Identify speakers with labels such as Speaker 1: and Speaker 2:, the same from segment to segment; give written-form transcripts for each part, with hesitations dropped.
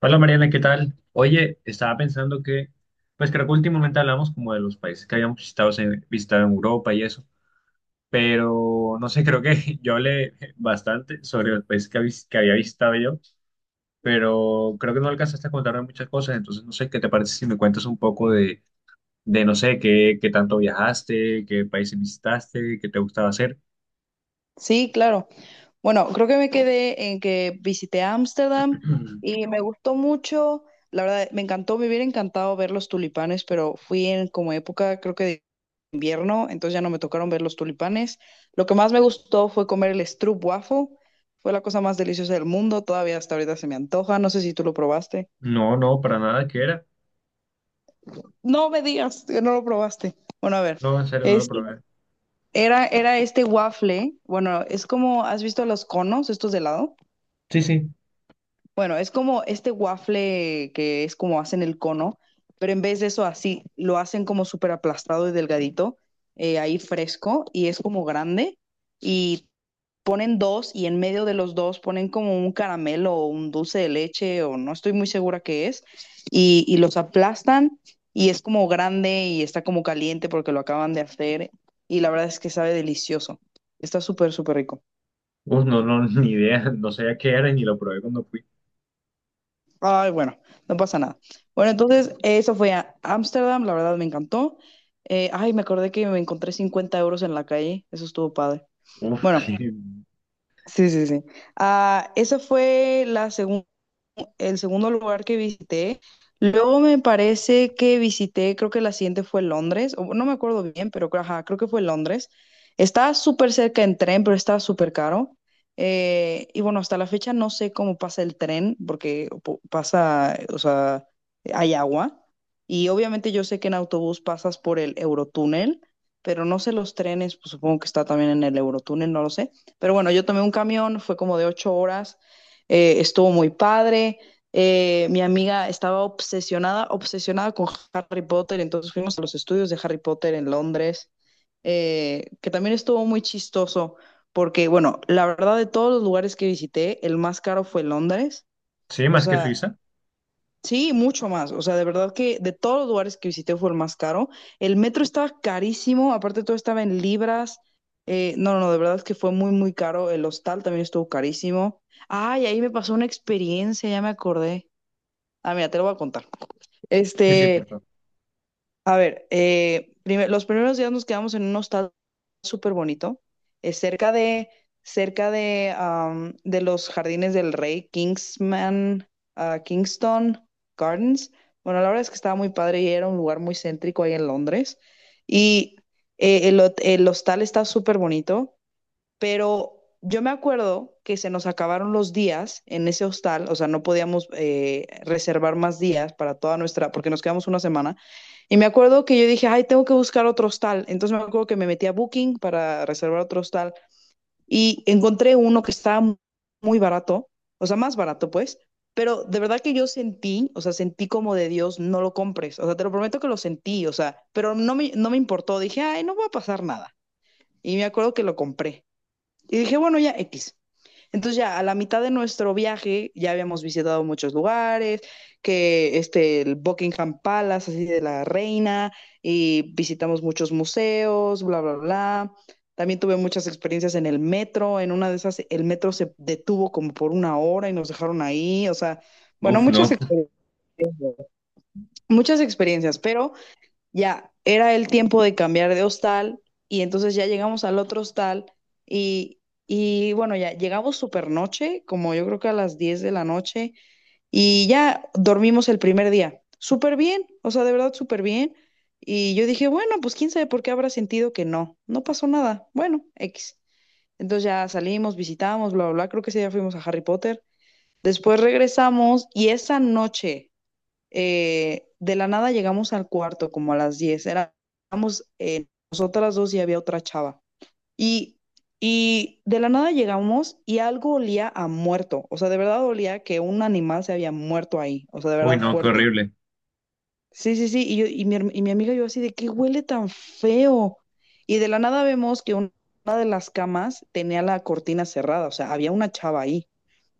Speaker 1: Hola Mariana, ¿qué tal? Oye, estaba pensando que, pues creo que últimamente hablamos como de los países que habíamos visitado en Europa y eso, pero no sé, creo que yo hablé bastante sobre los países que había visitado yo, pero creo que no alcanzaste a contarme muchas cosas, entonces no sé, ¿qué te parece si me cuentas un poco de no sé, qué tanto viajaste, qué países visitaste, qué te gustaba hacer?
Speaker 2: Sí, claro. Bueno, creo que me quedé en que visité Ámsterdam y me gustó mucho. La verdad, me encantó, me hubiera encantado ver los tulipanes, pero fui en como época, creo que de invierno, entonces ya no me tocaron ver los tulipanes. Lo que más me gustó fue comer el stroopwafel. Fue la cosa más deliciosa del mundo. Todavía hasta ahorita se me antoja. No sé si tú lo probaste.
Speaker 1: No, no, para nada, ¿qué era?
Speaker 2: No me digas que no lo probaste. Bueno, a ver.
Speaker 1: No, en serio, no lo
Speaker 2: Este,
Speaker 1: probé.
Speaker 2: era este waffle. Bueno, es como, ¿has visto los conos, estos de helado?
Speaker 1: Sí, sí.
Speaker 2: Bueno, es como este waffle que es como hacen el cono, pero en vez de eso así, lo hacen como súper aplastado y delgadito, ahí fresco, y es como grande, y ponen dos, y en medio de los dos ponen como un caramelo o un dulce de leche, o no estoy muy segura qué es, y los aplastan, y es como grande y está como caliente porque lo acaban de hacer, y la verdad es que sabe delicioso, está súper, súper rico.
Speaker 1: Uf, no, no, ni idea, no sabía qué era y ni lo probé cuando fui.
Speaker 2: Ay, bueno, no pasa nada. Bueno, entonces eso fue a Ámsterdam, la verdad me encantó. Ay, me acordé que me encontré 50 euros en la calle, eso estuvo padre.
Speaker 1: Uf,
Speaker 2: Bueno,
Speaker 1: sí.
Speaker 2: sí, sí, sí. Ah, esa fue la segunda el segundo lugar que visité. Luego me parece que visité, creo que la siguiente fue Londres, o no me acuerdo bien, pero ajá, creo que fue Londres. Estaba súper cerca en tren, pero estaba súper caro. Y bueno, hasta la fecha no sé cómo pasa el tren, porque pasa, o sea, hay agua. Y obviamente yo sé que en autobús pasas por el Eurotúnel, pero no sé los trenes, pues supongo que está también en el Eurotúnel, no lo sé. Pero bueno, yo tomé un camión, fue como de 8 horas, estuvo muy padre. Mi amiga estaba obsesionada, obsesionada con Harry Potter, entonces fuimos a los estudios de Harry Potter en Londres, que también estuvo muy chistoso, porque bueno, la verdad de todos los lugares que visité, el más caro fue Londres,
Speaker 1: Sí,
Speaker 2: o
Speaker 1: más que
Speaker 2: sea,
Speaker 1: Suiza.
Speaker 2: sí, mucho más. O sea, de verdad que de todos los lugares que visité fue el más caro. El metro estaba carísimo, aparte todo estaba en libras. No, no, no, de verdad que fue muy, muy caro. El hostal también estuvo carísimo. Ay, ahí me pasó una experiencia, ya me acordé. Ah, mira, te lo voy a contar.
Speaker 1: Sí, sí, por
Speaker 2: Este,
Speaker 1: favor.
Speaker 2: a ver, los primeros días nos quedamos en un hostal súper bonito, eh, cerca de, cerca de, de los jardines del rey, Kingsman, ah, Kingston Gardens. Bueno, la verdad es que estaba muy padre y era un lugar muy céntrico ahí en Londres. Y el hostal está súper bonito, pero yo me acuerdo que se nos acabaron los días en ese hostal, o sea, no podíamos reservar más días para toda nuestra, porque nos quedamos una semana. Y me acuerdo que yo dije, ay, tengo que buscar otro hostal. Entonces me acuerdo que me metí a Booking para reservar otro hostal y encontré uno que estaba muy barato, o sea, más barato pues, pero de verdad que yo sentí, o sea, sentí como de Dios, no lo compres, o sea, te lo prometo que lo sentí, o sea, pero no me importó, dije, ay, no va a pasar nada. Y me acuerdo que lo compré. Y dije, bueno, ya X. Entonces ya a la mitad de nuestro viaje ya habíamos visitado muchos lugares, que este, el Buckingham Palace, así de la reina, y visitamos muchos museos, bla, bla, bla. También tuve muchas experiencias en el metro, en una de esas el metro se detuvo como por una hora y nos dejaron ahí, o sea, bueno,
Speaker 1: Uf, no.
Speaker 2: muchas experiencias, pero ya, era el tiempo de cambiar de hostal y entonces ya llegamos al otro hostal y, y bueno, ya llegamos super noche, como yo creo que a las 10 de la noche y ya dormimos el primer día. Súper bien, o sea, de verdad súper bien. Y yo dije, bueno, pues quién sabe por qué habrá sentido que no, no pasó nada. Bueno, X. Entonces ya salimos, visitamos, bla, bla, bla, creo que ese día fuimos a Harry Potter. Después regresamos y esa noche, de la nada llegamos al cuarto como a las 10. Éramos nosotras dos y había otra chava. Y, y de la nada llegamos y algo olía a muerto. O sea, de verdad olía que un animal se había muerto ahí. O sea, de
Speaker 1: Uy,
Speaker 2: verdad
Speaker 1: no, qué
Speaker 2: fuerte.
Speaker 1: horrible.
Speaker 2: Sí, sí, sí. Y, yo, y, mi, herm- y mi amiga y yo así de qué huele tan feo. Y de la nada vemos que una de las camas tenía la cortina cerrada. O sea, había una chava ahí.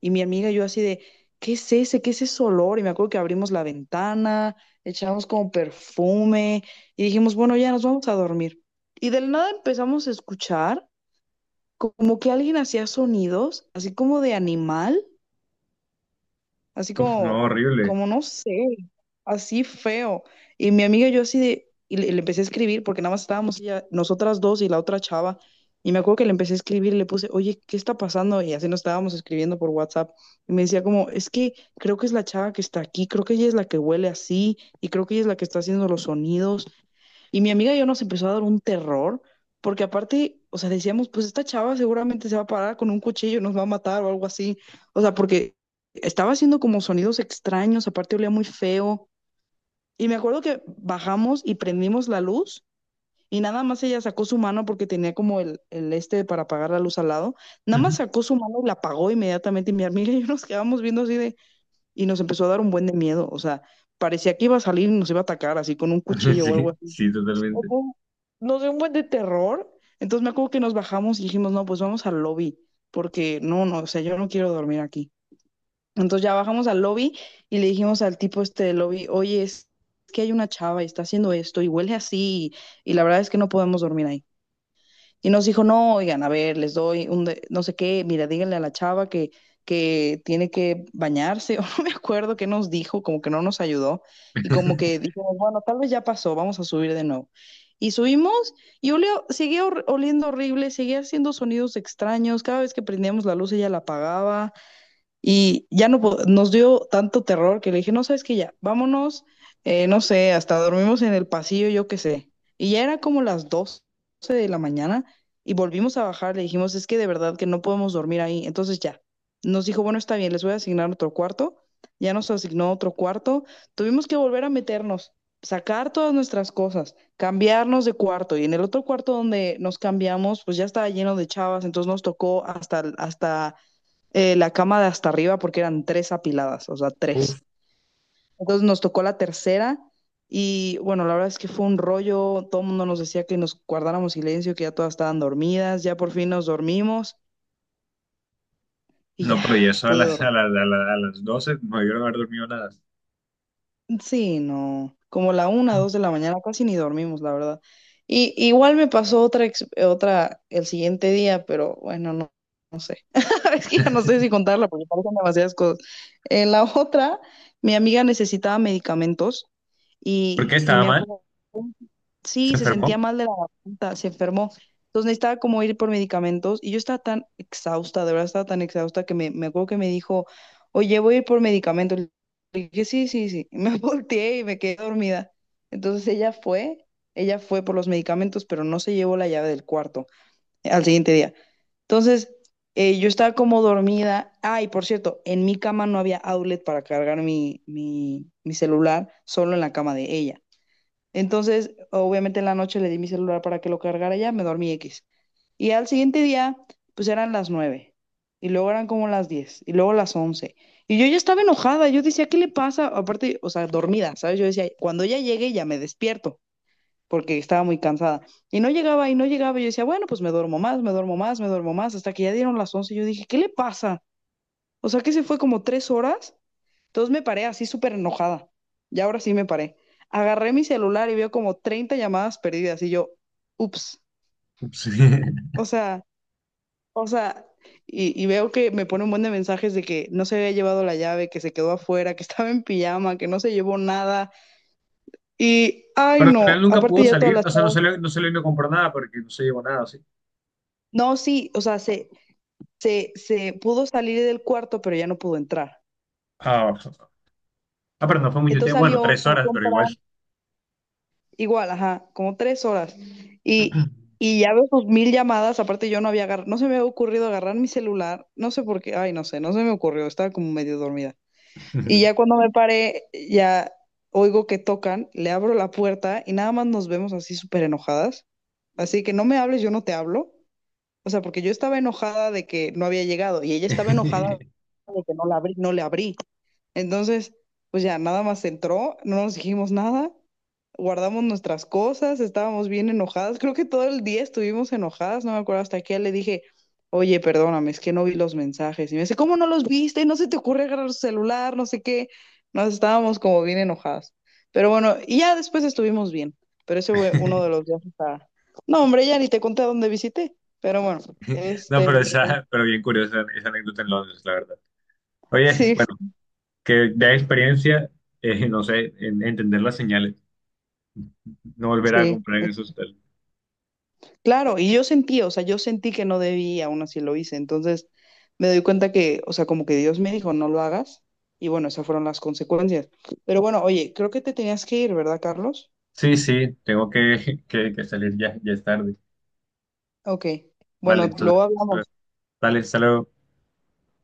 Speaker 2: Y mi amiga y yo así de, ¿qué es ese? ¿Qué es ese olor? Y me acuerdo que abrimos la ventana, echamos como perfume y dijimos, bueno, ya nos vamos a dormir. Y del nada empezamos a escuchar como que alguien hacía sonidos, así como de animal, así
Speaker 1: Uf, no,
Speaker 2: como,
Speaker 1: horrible.
Speaker 2: como no sé, así feo. Y mi amiga y yo así de, y le empecé a escribir porque nada más estábamos nosotras dos y la otra chava. Y me acuerdo que le empecé a escribir y le puse, oye, ¿qué está pasando? Y así nos estábamos escribiendo por WhatsApp. Y me decía como, es que creo que es la chava que está aquí, creo que ella es la que huele así y creo que ella es la que está haciendo los sonidos y mi amiga y yo nos empezó a dar un terror, porque aparte, o sea, decíamos, pues esta chava seguramente se va a parar con un cuchillo, nos va a matar o algo así. O sea, porque estaba haciendo como sonidos extraños, aparte olía muy feo. Y me acuerdo que bajamos y prendimos la luz y nada más ella sacó su mano porque tenía como el este para apagar la luz al lado. Nada más
Speaker 1: Ujú.
Speaker 2: sacó su mano y la apagó inmediatamente y mi amiga y yo nos quedamos viendo así de... Y nos empezó a dar un buen de miedo, o sea, parecía que iba a salir y nos iba a atacar así con un cuchillo o algo
Speaker 1: Sí, sí,
Speaker 2: o
Speaker 1: totalmente.
Speaker 2: con- nos dio un buen de terror. Entonces me acuerdo que nos bajamos y dijimos, no, pues vamos al lobby, porque no, no, o sea, yo no quiero dormir aquí. Entonces ya bajamos al lobby y le dijimos al tipo este del lobby, oye, es que hay una chava y está haciendo esto y huele así y la verdad es que no podemos dormir ahí y nos dijo, no, oigan, a ver, les doy no sé qué, mira, díganle a la chava que tiene que bañarse, o no me acuerdo qué nos dijo, como que no nos ayudó, y como que dijimos, bueno, tal vez ya pasó, vamos a subir de nuevo. Y subimos y olió, oliendo horrible, seguía haciendo sonidos extraños, cada vez que prendíamos la luz ella la apagaba. Y ya no po- nos dio tanto terror que le dije, no sabes que ya, vámonos, no sé, hasta dormimos en el pasillo, yo qué sé. Y ya era como las 12 de la mañana y volvimos a bajar, le dijimos, es que de verdad que no podemos dormir ahí. Entonces ya, nos dijo, bueno, está bien, les voy a asignar otro cuarto. Ya nos asignó otro cuarto. Tuvimos que volver a meternos, sacar todas nuestras cosas, cambiarnos de cuarto. Y en el otro cuarto donde nos cambiamos, pues ya estaba lleno de chavas, entonces nos tocó hasta la cama de hasta arriba porque eran tres apiladas, o sea, tres.
Speaker 1: Uf,
Speaker 2: Entonces nos tocó la tercera y bueno, la verdad es que fue un rollo, todo el mundo nos decía que nos guardáramos silencio, que ya todas estaban dormidas, ya por fin nos dormimos y
Speaker 1: no,
Speaker 2: ya
Speaker 1: pero ya eso a
Speaker 2: pude
Speaker 1: las, a
Speaker 2: dormir.
Speaker 1: las, a la- a las 12 no debieron haber dormido nada.
Speaker 2: Sí, no, como la 1, 2 de la mañana casi ni dormimos, la verdad. Y igual me pasó otra el siguiente día, pero bueno, no, no sé. Es que ya no sé si contarla porque parecen demasiadas cosas. En la otra, mi amiga necesitaba medicamentos
Speaker 1: ¿Por
Speaker 2: y,
Speaker 1: qué
Speaker 2: y
Speaker 1: estaba
Speaker 2: me
Speaker 1: mal?
Speaker 2: acuerdo
Speaker 1: ¿Se
Speaker 2: sí, se sentía
Speaker 1: enfermó?
Speaker 2: mal de la garganta, se enfermó. Entonces necesitaba como ir por medicamentos y yo estaba tan exhausta, de verdad estaba tan exhausta que me acuerdo que me dijo, oye, voy a ir por medicamentos. Le dije, sí, sí, sí. Y me volteé y me quedé dormida. Entonces ella fue por los medicamentos, pero no se llevó la llave del cuarto, al siguiente día. Entonces yo estaba como dormida. Ah, y por cierto, en mi cama no había outlet para cargar mi celular, solo en la cama de ella. Entonces, obviamente en la noche le di mi celular para que lo cargara ya, me dormí X. Y al siguiente día, pues eran las 9. Y luego eran como las 10. Y luego las 11. Y yo ya estaba enojada. Yo decía, ¿qué le pasa? Aparte, o sea, dormida, ¿sabes? Yo decía, cuando ya llegue, ya me despierto. Porque estaba muy cansada. Y no llegaba y no llegaba. Y yo decía, bueno, pues me duermo más, me duermo más, me duermo más. Hasta que ya dieron las 11. Y yo dije, ¿qué le pasa? O sea, que se fue como 3 horas, entonces me paré así súper enojada. Y ahora sí me paré. Agarré mi celular y veo como 30 llamadas perdidas y yo, ups,
Speaker 1: Sí.
Speaker 2: o sea, o sea, y veo que me pone un buen de mensajes de que no se había llevado la llave, que se quedó afuera, que estaba en pijama, que no se llevó nada. Y, ay,
Speaker 1: Pero al final
Speaker 2: no,
Speaker 1: nunca
Speaker 2: aparte
Speaker 1: pudo
Speaker 2: ya todas
Speaker 1: salir,
Speaker 2: las...
Speaker 1: o sea, no salió, no salió y no compró nada porque no se llevó nada, sí.
Speaker 2: No, sí, o sea, se pudo salir del cuarto, pero ya no pudo entrar.
Speaker 1: Ah, ah, pero no fue mucho
Speaker 2: Entonces
Speaker 1: tiempo. Bueno,
Speaker 2: salió,
Speaker 1: tres
Speaker 2: fue a
Speaker 1: horas, pero
Speaker 2: comprar.
Speaker 1: igual.
Speaker 2: Igual, ajá, como 3 horas. Y, y ya veo sus mil llamadas, aparte yo no había agarrado, no se me había ocurrido agarrar mi celular, no sé por qué, ay, no sé, no se me ocurrió, estaba como medio dormida. Y ya cuando me paré, ya oigo que tocan, le abro la puerta y nada más nos vemos así súper enojadas. Así que no me hables, yo no te hablo. O sea, porque yo estaba enojada de que no había llegado y ella estaba enojada de que no le abrí. Entonces, pues ya nada más entró, no nos dijimos nada, guardamos nuestras cosas, estábamos bien enojadas, creo que todo el día estuvimos enojadas, no me acuerdo hasta qué le dije, oye, perdóname, es que no vi los mensajes. Y me dice, ¿cómo no los viste? No se te ocurre agarrar tu celular, no sé qué. Nos estábamos como bien enojadas. Pero bueno, y ya después estuvimos bien, pero ese fue uno de los viajes a... No, hombre, ya ni te conté a dónde visité, pero bueno,
Speaker 1: No,
Speaker 2: este,
Speaker 1: pero esa, pero bien curiosa esa anécdota en Londres, la verdad. Oye,
Speaker 2: sí,
Speaker 1: bueno, que de experiencia, no sé, en entender las señales, no volver a
Speaker 2: sí,
Speaker 1: comprar en esos hotel.
Speaker 2: claro, y yo sentí, o sea, yo sentí que no debía, aún así lo hice. Entonces me doy cuenta que, o sea, como que Dios me dijo, no lo hagas. Y bueno, esas fueron las consecuencias. Pero bueno, oye, creo que te tenías que ir, ¿verdad, Carlos?
Speaker 1: Sí, sí, tengo que, que salir ya, ya es tarde.
Speaker 2: Ok.
Speaker 1: Vale,
Speaker 2: Bueno, luego
Speaker 1: entonces,
Speaker 2: hablamos.
Speaker 1: vale, hasta luego.